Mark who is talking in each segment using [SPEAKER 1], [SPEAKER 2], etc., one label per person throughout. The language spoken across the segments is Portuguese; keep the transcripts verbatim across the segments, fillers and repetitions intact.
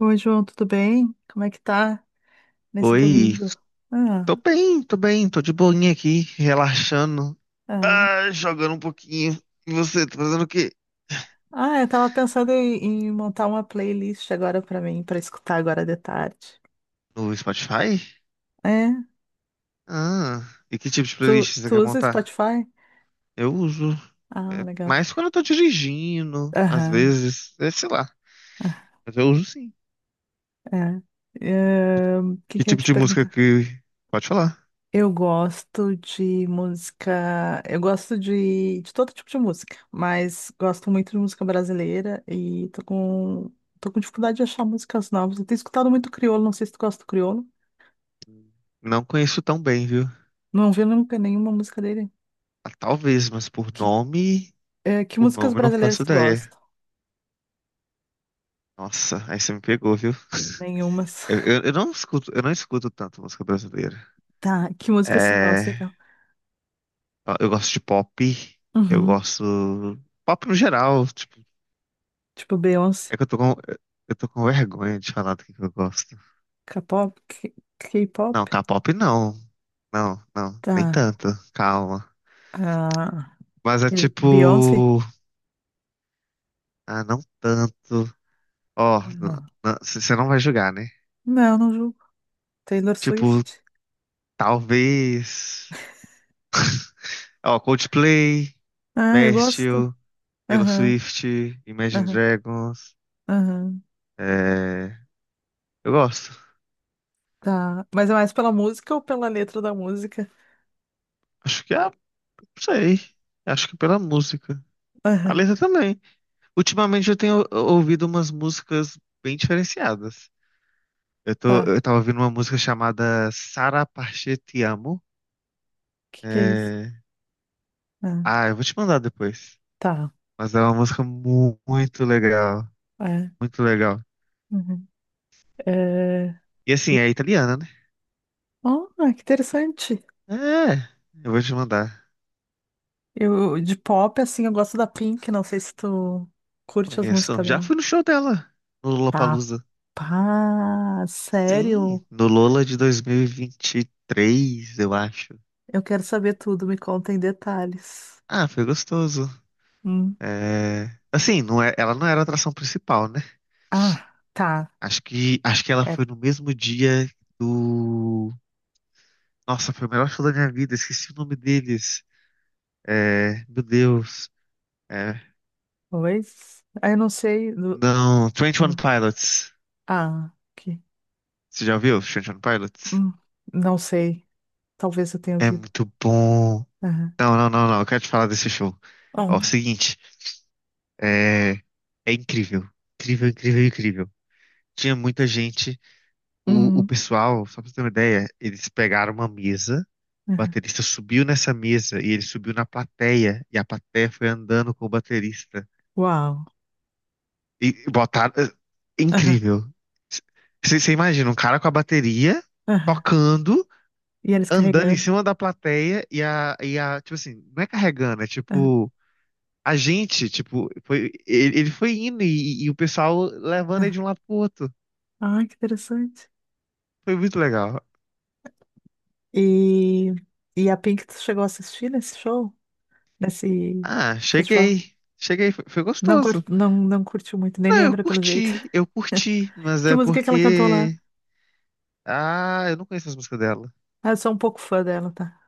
[SPEAKER 1] Oi, João, tudo bem? Como é que tá nesse
[SPEAKER 2] Oi,
[SPEAKER 1] domingo?
[SPEAKER 2] tô
[SPEAKER 1] Ah,
[SPEAKER 2] bem, tô bem, tô de boinha aqui, relaxando,
[SPEAKER 1] ah.
[SPEAKER 2] ah, jogando um pouquinho. E você, tá fazendo o quê?
[SPEAKER 1] Ah, eu tava pensando em, em montar uma playlist agora pra mim, pra escutar agora de tarde.
[SPEAKER 2] No Spotify?
[SPEAKER 1] É?
[SPEAKER 2] Ah, e que tipo de
[SPEAKER 1] Tu,
[SPEAKER 2] playlist você
[SPEAKER 1] tu
[SPEAKER 2] quer
[SPEAKER 1] usa
[SPEAKER 2] montar?
[SPEAKER 1] Spotify?
[SPEAKER 2] Eu uso,
[SPEAKER 1] Ah,
[SPEAKER 2] é,
[SPEAKER 1] legal.
[SPEAKER 2] mais quando eu tô dirigindo, às
[SPEAKER 1] Aham.
[SPEAKER 2] vezes, é, sei lá,
[SPEAKER 1] Ah,
[SPEAKER 2] mas eu uso sim.
[SPEAKER 1] é. Ahn, O que
[SPEAKER 2] Que
[SPEAKER 1] que eu ia
[SPEAKER 2] tipo
[SPEAKER 1] te
[SPEAKER 2] de música
[SPEAKER 1] perguntar?
[SPEAKER 2] que... Pode falar.
[SPEAKER 1] Eu gosto de música, eu gosto de, de todo tipo de música, mas gosto muito de música brasileira e tô com, tô com dificuldade de achar músicas novas. Eu tenho escutado muito crioulo, não sei se tu gosta do crioulo.
[SPEAKER 2] Não conheço tão bem, viu?
[SPEAKER 1] Não ouvi nunca nenhuma música dele.
[SPEAKER 2] Ah, talvez, mas por
[SPEAKER 1] Que,
[SPEAKER 2] nome,
[SPEAKER 1] é, que
[SPEAKER 2] por
[SPEAKER 1] músicas
[SPEAKER 2] nome eu não
[SPEAKER 1] brasileiras
[SPEAKER 2] faço
[SPEAKER 1] tu
[SPEAKER 2] ideia.
[SPEAKER 1] gosta?
[SPEAKER 2] Nossa, aí você me pegou, viu?
[SPEAKER 1] Nenhumas.
[SPEAKER 2] Eu, eu, eu não escuto, eu não escuto tanto música brasileira.
[SPEAKER 1] Tá, que músicas tu gosta,
[SPEAKER 2] É,
[SPEAKER 1] então?
[SPEAKER 2] eu gosto de pop, eu
[SPEAKER 1] Uhum.
[SPEAKER 2] gosto pop no geral, tipo,
[SPEAKER 1] Tipo Beyoncé,
[SPEAKER 2] é que eu tô com, eu tô com vergonha de falar do que que eu gosto.
[SPEAKER 1] K-pop, K-
[SPEAKER 2] Não,
[SPEAKER 1] K-pop.
[SPEAKER 2] K-pop não, não, não, nem
[SPEAKER 1] Tá.
[SPEAKER 2] tanto, calma.
[SPEAKER 1] Ah,
[SPEAKER 2] Mas é
[SPEAKER 1] e Beyoncé?
[SPEAKER 2] tipo, ah, não tanto. Ó,
[SPEAKER 1] Ah,
[SPEAKER 2] você não vai julgar, né?
[SPEAKER 1] não, não julgo. Taylor
[SPEAKER 2] Tipo,
[SPEAKER 1] Swift.
[SPEAKER 2] talvez, ó, Coldplay,
[SPEAKER 1] Ah, eu gosto.
[SPEAKER 2] Bastille, Taylor
[SPEAKER 1] Aham,
[SPEAKER 2] Swift, Imagine
[SPEAKER 1] aham,
[SPEAKER 2] Dragons,
[SPEAKER 1] aham.
[SPEAKER 2] é, eu gosto.
[SPEAKER 1] Tá. Mas é mais pela música ou pela letra da música?
[SPEAKER 2] Acho que é sei. Acho que pela música. A
[SPEAKER 1] Aham,
[SPEAKER 2] letra também. Ultimamente eu tenho ouvido umas músicas bem diferenciadas. Eu tô,
[SPEAKER 1] tá.
[SPEAKER 2] eu tava ouvindo uma música chamada Sara Parche Te Amo.
[SPEAKER 1] O que que é isso?
[SPEAKER 2] É,
[SPEAKER 1] Ah,
[SPEAKER 2] ah, eu vou te mandar depois.
[SPEAKER 1] tá.
[SPEAKER 2] Mas é uma música mu- muito legal.
[SPEAKER 1] É.
[SPEAKER 2] Muito legal.
[SPEAKER 1] Uhum. É,
[SPEAKER 2] E assim, é italiana, né?
[SPEAKER 1] oh, que interessante.
[SPEAKER 2] É, eu vou te mandar.
[SPEAKER 1] Eu, de pop, assim, eu gosto da Pink, não sei se tu curte as
[SPEAKER 2] Conheço.
[SPEAKER 1] músicas
[SPEAKER 2] Já fui
[SPEAKER 1] dela.
[SPEAKER 2] no show dela, no Lollapalooza.
[SPEAKER 1] Capaz,
[SPEAKER 2] Sim,
[SPEAKER 1] sério?
[SPEAKER 2] no Lola de dois mil e e vinte e três, eu acho.
[SPEAKER 1] Eu quero saber tudo, me conta em detalhes.
[SPEAKER 2] Ah, foi gostoso.
[SPEAKER 1] Hum.
[SPEAKER 2] É, assim, não é, ela não era a atração principal, né?
[SPEAKER 1] Ah, tá.
[SPEAKER 2] Acho que, acho que ela
[SPEAKER 1] Era.
[SPEAKER 2] foi no mesmo dia do. Nossa, foi o melhor show da minha vida, esqueci o nome deles. É, meu Deus. É,
[SPEAKER 1] Talvez. Ah, eu não sei. do-
[SPEAKER 2] não, twenty One
[SPEAKER 1] hum.
[SPEAKER 2] Pilots.
[SPEAKER 1] Ah, que.
[SPEAKER 2] Você já ouviu twenty One Pilots?
[SPEAKER 1] hum, Não sei. Talvez eu tenha
[SPEAKER 2] É
[SPEAKER 1] ouvido.
[SPEAKER 2] muito bom.
[SPEAKER 1] Aham.
[SPEAKER 2] Não, não, não, não, eu quero te falar desse show. Ó, o
[SPEAKER 1] Hum.
[SPEAKER 2] seguinte, é, é incrível. Incrível, incrível, incrível. Tinha muita gente. O, o
[SPEAKER 1] Hum,
[SPEAKER 2] pessoal, só pra você ter uma ideia, eles pegaram uma mesa. O
[SPEAKER 1] aham.
[SPEAKER 2] baterista subiu nessa mesa e ele subiu na plateia e a plateia foi andando com o baterista.
[SPEAKER 1] Uau.
[SPEAKER 2] E botaram. É
[SPEAKER 1] Aham,
[SPEAKER 2] incrível. Você imagina um cara com a bateria
[SPEAKER 1] aham.
[SPEAKER 2] tocando,
[SPEAKER 1] E eles
[SPEAKER 2] andando em
[SPEAKER 1] carregando.
[SPEAKER 2] cima da plateia e a, e a, tipo assim, não é carregando, é
[SPEAKER 1] Ah,
[SPEAKER 2] tipo, a gente, tipo, foi, ele, ele foi indo e, e o pessoal levando ele
[SPEAKER 1] ah.
[SPEAKER 2] de um lado pro outro.
[SPEAKER 1] Ai, que interessante.
[SPEAKER 2] Foi muito legal.
[SPEAKER 1] E, e a Pink, tu chegou a assistir nesse show? Nesse
[SPEAKER 2] Ah,
[SPEAKER 1] festival?
[SPEAKER 2] cheguei. Cheguei, foi, foi
[SPEAKER 1] Não, cur-
[SPEAKER 2] gostoso.
[SPEAKER 1] não, não curtiu muito, nem
[SPEAKER 2] Não, eu
[SPEAKER 1] lembra pelo jeito.
[SPEAKER 2] curti, eu curti, mas
[SPEAKER 1] Que
[SPEAKER 2] é
[SPEAKER 1] música que ela cantou lá?
[SPEAKER 2] porque ah, eu não conheço as músicas dela.
[SPEAKER 1] Ah, eu sou um pouco fã dela, tá?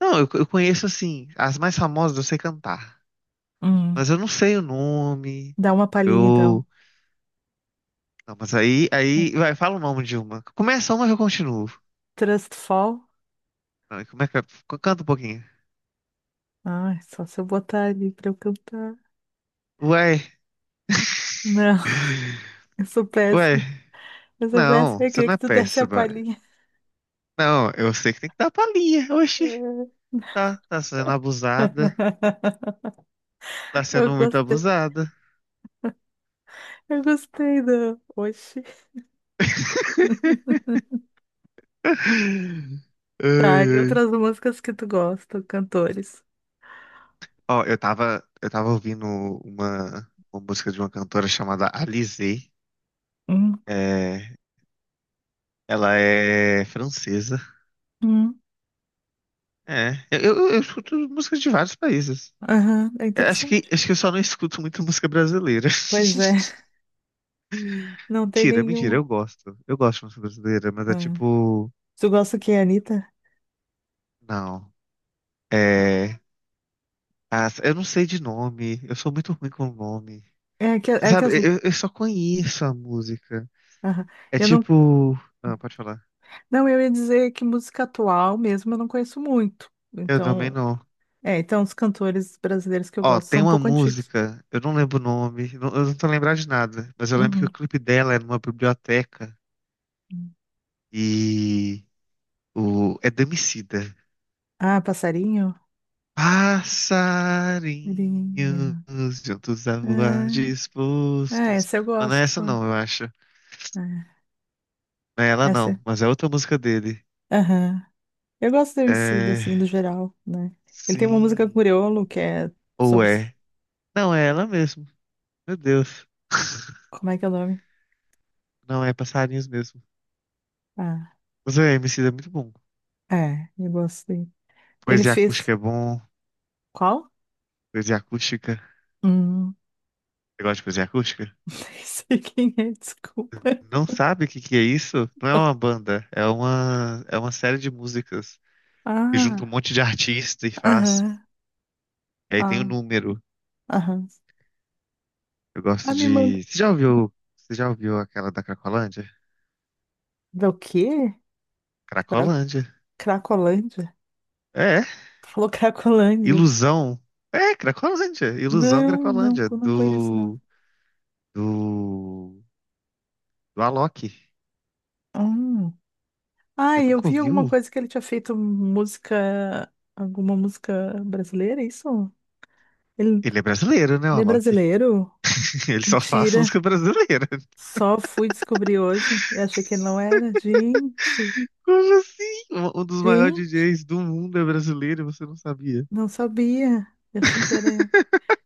[SPEAKER 2] Não, eu, eu conheço assim, as mais famosas eu sei cantar,
[SPEAKER 1] Hum,
[SPEAKER 2] mas eu não sei o nome.
[SPEAKER 1] dá uma palhinha então.
[SPEAKER 2] Eu. Não, mas aí, aí, vai, fala o nome de uma. Começa uma que eu continuo.
[SPEAKER 1] Trust Fall?
[SPEAKER 2] Não, como é que é? C- Canta um pouquinho.
[SPEAKER 1] Ai, só se eu botar ali pra eu cantar.
[SPEAKER 2] Ué,
[SPEAKER 1] Não, eu sou
[SPEAKER 2] ué.
[SPEAKER 1] péssima. Eu sou
[SPEAKER 2] Não,
[SPEAKER 1] péssima. Eu
[SPEAKER 2] você
[SPEAKER 1] queria
[SPEAKER 2] não é
[SPEAKER 1] que tu desse a
[SPEAKER 2] péssima.
[SPEAKER 1] palhinha.
[SPEAKER 2] Não, eu sei que tem que dar palhinha. Oxi, tá, tá sendo abusada. Tá
[SPEAKER 1] Eu
[SPEAKER 2] sendo muito
[SPEAKER 1] gostei.
[SPEAKER 2] abusada.
[SPEAKER 1] Eu gostei do. Oxi.
[SPEAKER 2] Ai,
[SPEAKER 1] Tá, e
[SPEAKER 2] ai.
[SPEAKER 1] outras músicas que tu gosta, cantores.
[SPEAKER 2] Ó, eu tava, eu tava ouvindo uma, uma música de uma cantora chamada Alizée.
[SPEAKER 1] Hum,
[SPEAKER 2] É, ela é francesa.
[SPEAKER 1] hum.
[SPEAKER 2] É, eu, eu, eu escuto músicas de vários países.
[SPEAKER 1] Aham, é
[SPEAKER 2] Eu acho que,
[SPEAKER 1] interessante.
[SPEAKER 2] acho que eu só não escuto muito música brasileira.
[SPEAKER 1] Pois é, não tem
[SPEAKER 2] Mentira, mentira,
[SPEAKER 1] nenhuma.
[SPEAKER 2] eu gosto. Eu gosto de música brasileira, mas é
[SPEAKER 1] Ah,
[SPEAKER 2] tipo.
[SPEAKER 1] tu gosta que é Anitta?
[SPEAKER 2] Não. É. As- eu não sei de nome. Eu sou muito ruim com nome.
[SPEAKER 1] É que,
[SPEAKER 2] Você
[SPEAKER 1] é que
[SPEAKER 2] sabe,
[SPEAKER 1] as...
[SPEAKER 2] eu, eu só conheço a música.
[SPEAKER 1] Aham.
[SPEAKER 2] É
[SPEAKER 1] Eu não,
[SPEAKER 2] tipo. Ah, pode falar.
[SPEAKER 1] não, eu ia dizer que música atual mesmo eu não conheço muito.
[SPEAKER 2] Eu também
[SPEAKER 1] Então,
[SPEAKER 2] não.
[SPEAKER 1] é, então os cantores brasileiros que eu
[SPEAKER 2] Ó,
[SPEAKER 1] gosto
[SPEAKER 2] tem
[SPEAKER 1] são um
[SPEAKER 2] uma
[SPEAKER 1] pouco antigos.
[SPEAKER 2] música, eu não lembro o nome, não- eu não tô lembrado de nada, mas eu lembro que
[SPEAKER 1] Uhum.
[SPEAKER 2] o clipe dela é numa biblioteca e o é do Emicida.
[SPEAKER 1] Ah, Passarinho?
[SPEAKER 2] Passarinhos
[SPEAKER 1] Passarinho.
[SPEAKER 2] juntos a
[SPEAKER 1] É,
[SPEAKER 2] voar
[SPEAKER 1] é,
[SPEAKER 2] dispostos.
[SPEAKER 1] essa eu
[SPEAKER 2] Mas não
[SPEAKER 1] gosto
[SPEAKER 2] é essa
[SPEAKER 1] também.
[SPEAKER 2] não, eu acho.
[SPEAKER 1] É,
[SPEAKER 2] Não é ela não,
[SPEAKER 1] essa.
[SPEAKER 2] mas é outra música dele.
[SPEAKER 1] Aham. Eu gosto do Emicida,
[SPEAKER 2] É,
[SPEAKER 1] assim, do geral, né? Ele tem uma música com
[SPEAKER 2] sim,
[SPEAKER 1] Criolo que é
[SPEAKER 2] ou
[SPEAKER 1] sobre.
[SPEAKER 2] é? Não, é ela mesmo. Meu Deus.
[SPEAKER 1] Como é que é o nome?
[SPEAKER 2] Não, é passarinhos mesmo.
[SPEAKER 1] Ah,
[SPEAKER 2] Mas é, Emicida é muito bom.
[SPEAKER 1] é, eu gostei. Ele
[SPEAKER 2] Poesia
[SPEAKER 1] fez
[SPEAKER 2] acústica é bom,
[SPEAKER 1] qual?
[SPEAKER 2] poesia acústica.
[SPEAKER 1] Hum,
[SPEAKER 2] Você gosta de cozinha acústica?
[SPEAKER 1] nem sei quem é, desculpa.
[SPEAKER 2] Não sabe o que que é isso? Não é uma banda, é uma, é uma série de músicas que junta um
[SPEAKER 1] Ah,
[SPEAKER 2] monte de artista e faz.
[SPEAKER 1] aham,
[SPEAKER 2] E aí tem o
[SPEAKER 1] ah,
[SPEAKER 2] número.
[SPEAKER 1] aham.
[SPEAKER 2] Eu
[SPEAKER 1] Ah,
[SPEAKER 2] gosto
[SPEAKER 1] me manda.
[SPEAKER 2] de. Você já ouviu? Você já ouviu aquela da Cracolândia?
[SPEAKER 1] Do quê? Cra-
[SPEAKER 2] Cracolândia.
[SPEAKER 1] Cracolândia?
[SPEAKER 2] É,
[SPEAKER 1] Tu falou Cracolândia.
[SPEAKER 2] ilusão. É, Cracolândia. Ilusão
[SPEAKER 1] Não, não,
[SPEAKER 2] Cracolândia.
[SPEAKER 1] eu não conheço, não.
[SPEAKER 2] Do. Do. Do Alok.
[SPEAKER 1] Hum. Ah,
[SPEAKER 2] Você
[SPEAKER 1] e eu
[SPEAKER 2] nunca
[SPEAKER 1] vi alguma
[SPEAKER 2] ouviu?
[SPEAKER 1] coisa que ele tinha feito música, alguma música brasileira, é isso? Ele,
[SPEAKER 2] Ele é brasileiro, né, o
[SPEAKER 1] ele é
[SPEAKER 2] Alok?
[SPEAKER 1] brasileiro?
[SPEAKER 2] Ele só faz
[SPEAKER 1] Mentira.
[SPEAKER 2] música brasileira.
[SPEAKER 1] Só fui descobrir hoje e achei que ele não era. Gente.
[SPEAKER 2] Como assim? Um um dos maiores
[SPEAKER 1] Gente,
[SPEAKER 2] D Js do mundo é brasileiro e você não sabia?
[SPEAKER 1] não sabia. Eu achei que era.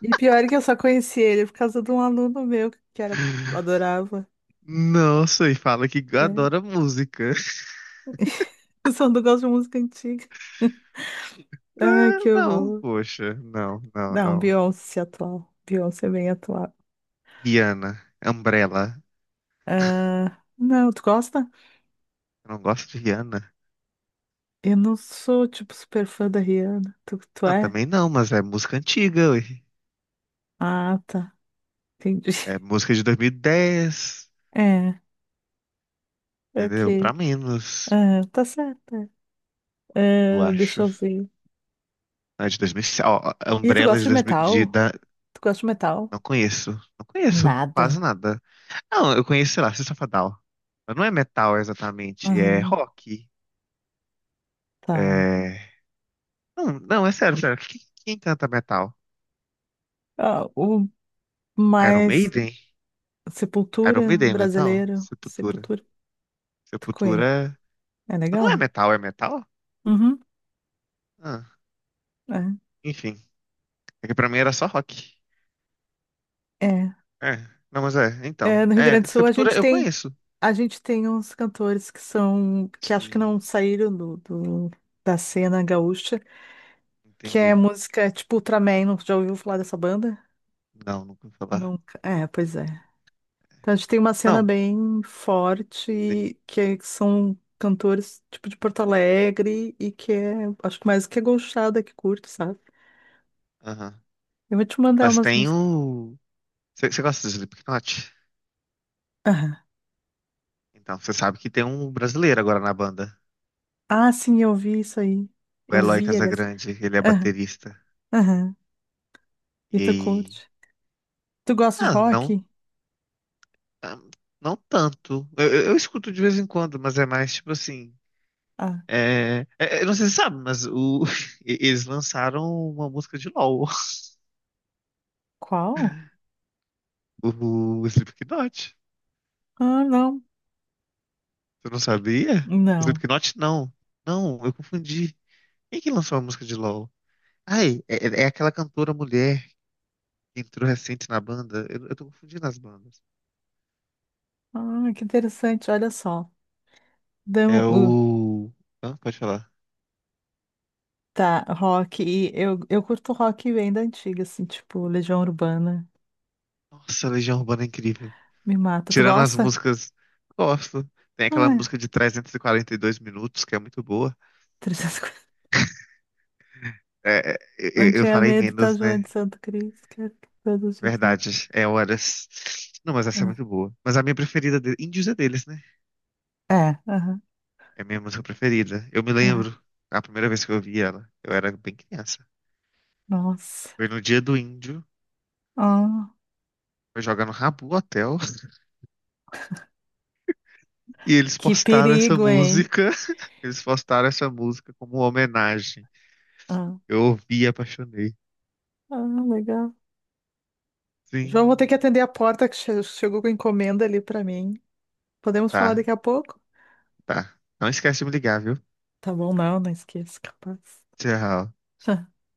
[SPEAKER 1] E pior é que eu só conheci ele por causa de um aluno meu que era... adorava.
[SPEAKER 2] Nossa, e fala que
[SPEAKER 1] Né?
[SPEAKER 2] adora música.
[SPEAKER 1] Eu só não gosto de música antiga. Ai,
[SPEAKER 2] Ah,
[SPEAKER 1] que
[SPEAKER 2] não,
[SPEAKER 1] horror.
[SPEAKER 2] poxa, não, não,
[SPEAKER 1] Não,
[SPEAKER 2] não.
[SPEAKER 1] Beyoncé atual. Beyoncé é bem atual.
[SPEAKER 2] Rihanna, Umbrella.
[SPEAKER 1] Ah, não, tu gosta?
[SPEAKER 2] Eu não gosto de Rihanna.
[SPEAKER 1] Eu não sou, tipo, super fã da Rihanna. Tu, tu
[SPEAKER 2] Ah,
[SPEAKER 1] é?
[SPEAKER 2] também não, mas é música antiga. Ué.
[SPEAKER 1] Ah, tá. Entendi.
[SPEAKER 2] É música de dois mil e dez,
[SPEAKER 1] É,
[SPEAKER 2] entendeu? Pra
[SPEAKER 1] ok.
[SPEAKER 2] menos,
[SPEAKER 1] Ah, tá certo.
[SPEAKER 2] eu
[SPEAKER 1] É. Ah, deixa
[SPEAKER 2] acho.
[SPEAKER 1] eu ver.
[SPEAKER 2] Não, é de dois mil e sete. Ó, ó,
[SPEAKER 1] E tu
[SPEAKER 2] Umbrella é
[SPEAKER 1] gosta
[SPEAKER 2] de
[SPEAKER 1] de
[SPEAKER 2] dois mil, de-
[SPEAKER 1] metal?
[SPEAKER 2] da-
[SPEAKER 1] Tu gosta de metal?
[SPEAKER 2] não conheço. Não conheço
[SPEAKER 1] Nada.
[SPEAKER 2] quase nada. Não, eu conheço, sei lá, System of a Down. Mas não é metal exatamente, é rock.
[SPEAKER 1] Tá.
[SPEAKER 2] É... Não, não, é sério, sério. Quem, quem canta metal?
[SPEAKER 1] Ah, o
[SPEAKER 2] Iron
[SPEAKER 1] mais
[SPEAKER 2] Maiden? Iron
[SPEAKER 1] Sepultura
[SPEAKER 2] Maiden é metal?
[SPEAKER 1] brasileiro,
[SPEAKER 2] Sepultura.
[SPEAKER 1] Sepultura, tu
[SPEAKER 2] Sepultura.
[SPEAKER 1] conhece?
[SPEAKER 2] É-
[SPEAKER 1] É
[SPEAKER 2] Mas
[SPEAKER 1] legal,
[SPEAKER 2] não é
[SPEAKER 1] né?
[SPEAKER 2] metal, é metal?
[SPEAKER 1] Uhum.
[SPEAKER 2] Ah, enfim. É que pra mim era só rock.
[SPEAKER 1] É.
[SPEAKER 2] É, não, mas é,
[SPEAKER 1] É.
[SPEAKER 2] então.
[SPEAKER 1] É, no Rio Grande
[SPEAKER 2] É,
[SPEAKER 1] do Sul a
[SPEAKER 2] Sepultura
[SPEAKER 1] gente
[SPEAKER 2] eu
[SPEAKER 1] tem
[SPEAKER 2] conheço.
[SPEAKER 1] a gente tem uns cantores que são que acho que
[SPEAKER 2] Sim,
[SPEAKER 1] não saíram do, do- da cena gaúcha, que é
[SPEAKER 2] entendi.
[SPEAKER 1] música tipo Ultraman, não já ouviu falar dessa banda?
[SPEAKER 2] Não, nunca ouvi falar.
[SPEAKER 1] Nunca. É, pois é. Então, a gente tem uma cena
[SPEAKER 2] Não,
[SPEAKER 1] bem
[SPEAKER 2] sim,
[SPEAKER 1] forte, que é- que são cantores tipo de Porto Alegre e que é, acho que mais que é gauchada que curte, sabe?
[SPEAKER 2] aham.
[SPEAKER 1] Eu vou te mandar
[SPEAKER 2] Mas
[SPEAKER 1] umas
[SPEAKER 2] tem
[SPEAKER 1] músicas.
[SPEAKER 2] o. Você gosta de Slipknot?
[SPEAKER 1] Aham.
[SPEAKER 2] Então, você sabe que tem um brasileiro agora na banda.
[SPEAKER 1] Ah, sim, eu vi isso aí.
[SPEAKER 2] O
[SPEAKER 1] Eu
[SPEAKER 2] Eloy
[SPEAKER 1] vi, aliás.
[SPEAKER 2] Casagrande, ele é
[SPEAKER 1] Aham,
[SPEAKER 2] baterista.
[SPEAKER 1] aham. E
[SPEAKER 2] E
[SPEAKER 1] tu
[SPEAKER 2] aí.
[SPEAKER 1] curte? Tu gosta de
[SPEAKER 2] Ah, não.
[SPEAKER 1] rock?
[SPEAKER 2] Ah, não tanto. Eu, eu- eu escuto de vez em quando, mas é mais tipo assim.
[SPEAKER 1] Ah,
[SPEAKER 2] É, é, eu não sei se você sabe, mas o, e- eles lançaram uma música de LOL,
[SPEAKER 1] qual?
[SPEAKER 2] o, Slipknot.
[SPEAKER 1] Ah, não.
[SPEAKER 2] Você não sabia?
[SPEAKER 1] Não.
[SPEAKER 2] Slipknot não. Não, eu confundi. Quem que lançou a música de LOL? Ai, é, é é aquela cantora mulher que entrou recente na banda. Eu, eu tô confundindo as bandas.
[SPEAKER 1] Ah, que interessante, olha só. Então,
[SPEAKER 2] É
[SPEAKER 1] uh,
[SPEAKER 2] o. Hã? Pode falar.
[SPEAKER 1] tá, rock. E eu, eu curto rock bem da antiga, assim, tipo Legião Urbana.
[SPEAKER 2] Nossa, a Legião Urbana é incrível.
[SPEAKER 1] Me mata. Tu
[SPEAKER 2] Tirando as
[SPEAKER 1] gosta?
[SPEAKER 2] músicas, gosto. Tem aquela
[SPEAKER 1] Ai,
[SPEAKER 2] música de trezentos e quarenta e dois minutos, que é muito boa.
[SPEAKER 1] trezentos e cinquenta.
[SPEAKER 2] É, é, eu,
[SPEAKER 1] Não
[SPEAKER 2] eu
[SPEAKER 1] tinha
[SPEAKER 2] falei
[SPEAKER 1] medo, tá,
[SPEAKER 2] menos,
[SPEAKER 1] João
[SPEAKER 2] né?
[SPEAKER 1] de Santo Cristo, quero que todos te vivam.
[SPEAKER 2] Verdade, é horas. Não, mas essa é
[SPEAKER 1] Ah,
[SPEAKER 2] muito boa. Mas a minha preferida, de... Índios é deles, né?
[SPEAKER 1] é, aham,
[SPEAKER 2] É a minha música preferida. Eu me
[SPEAKER 1] aham.
[SPEAKER 2] lembro, a primeira vez que eu ouvi ela, eu era bem criança.
[SPEAKER 1] Nossa.
[SPEAKER 2] Foi no dia do Índio,
[SPEAKER 1] Ah,
[SPEAKER 2] foi jogar no Rabu Hotel, e eles
[SPEAKER 1] que
[SPEAKER 2] postaram essa
[SPEAKER 1] perigo, hein?
[SPEAKER 2] música. Eles postaram essa música como uma homenagem.
[SPEAKER 1] Ah,
[SPEAKER 2] Eu ouvi e apaixonei.
[SPEAKER 1] ah, legal. João, vou ter que
[SPEAKER 2] Sim,
[SPEAKER 1] atender a porta que che- chegou com encomenda ali pra mim. Podemos falar
[SPEAKER 2] tá,
[SPEAKER 1] daqui a pouco?
[SPEAKER 2] tá. Não esquece de me ligar, viu?
[SPEAKER 1] Tá bom, não, não esqueça, capaz.
[SPEAKER 2] Tchau.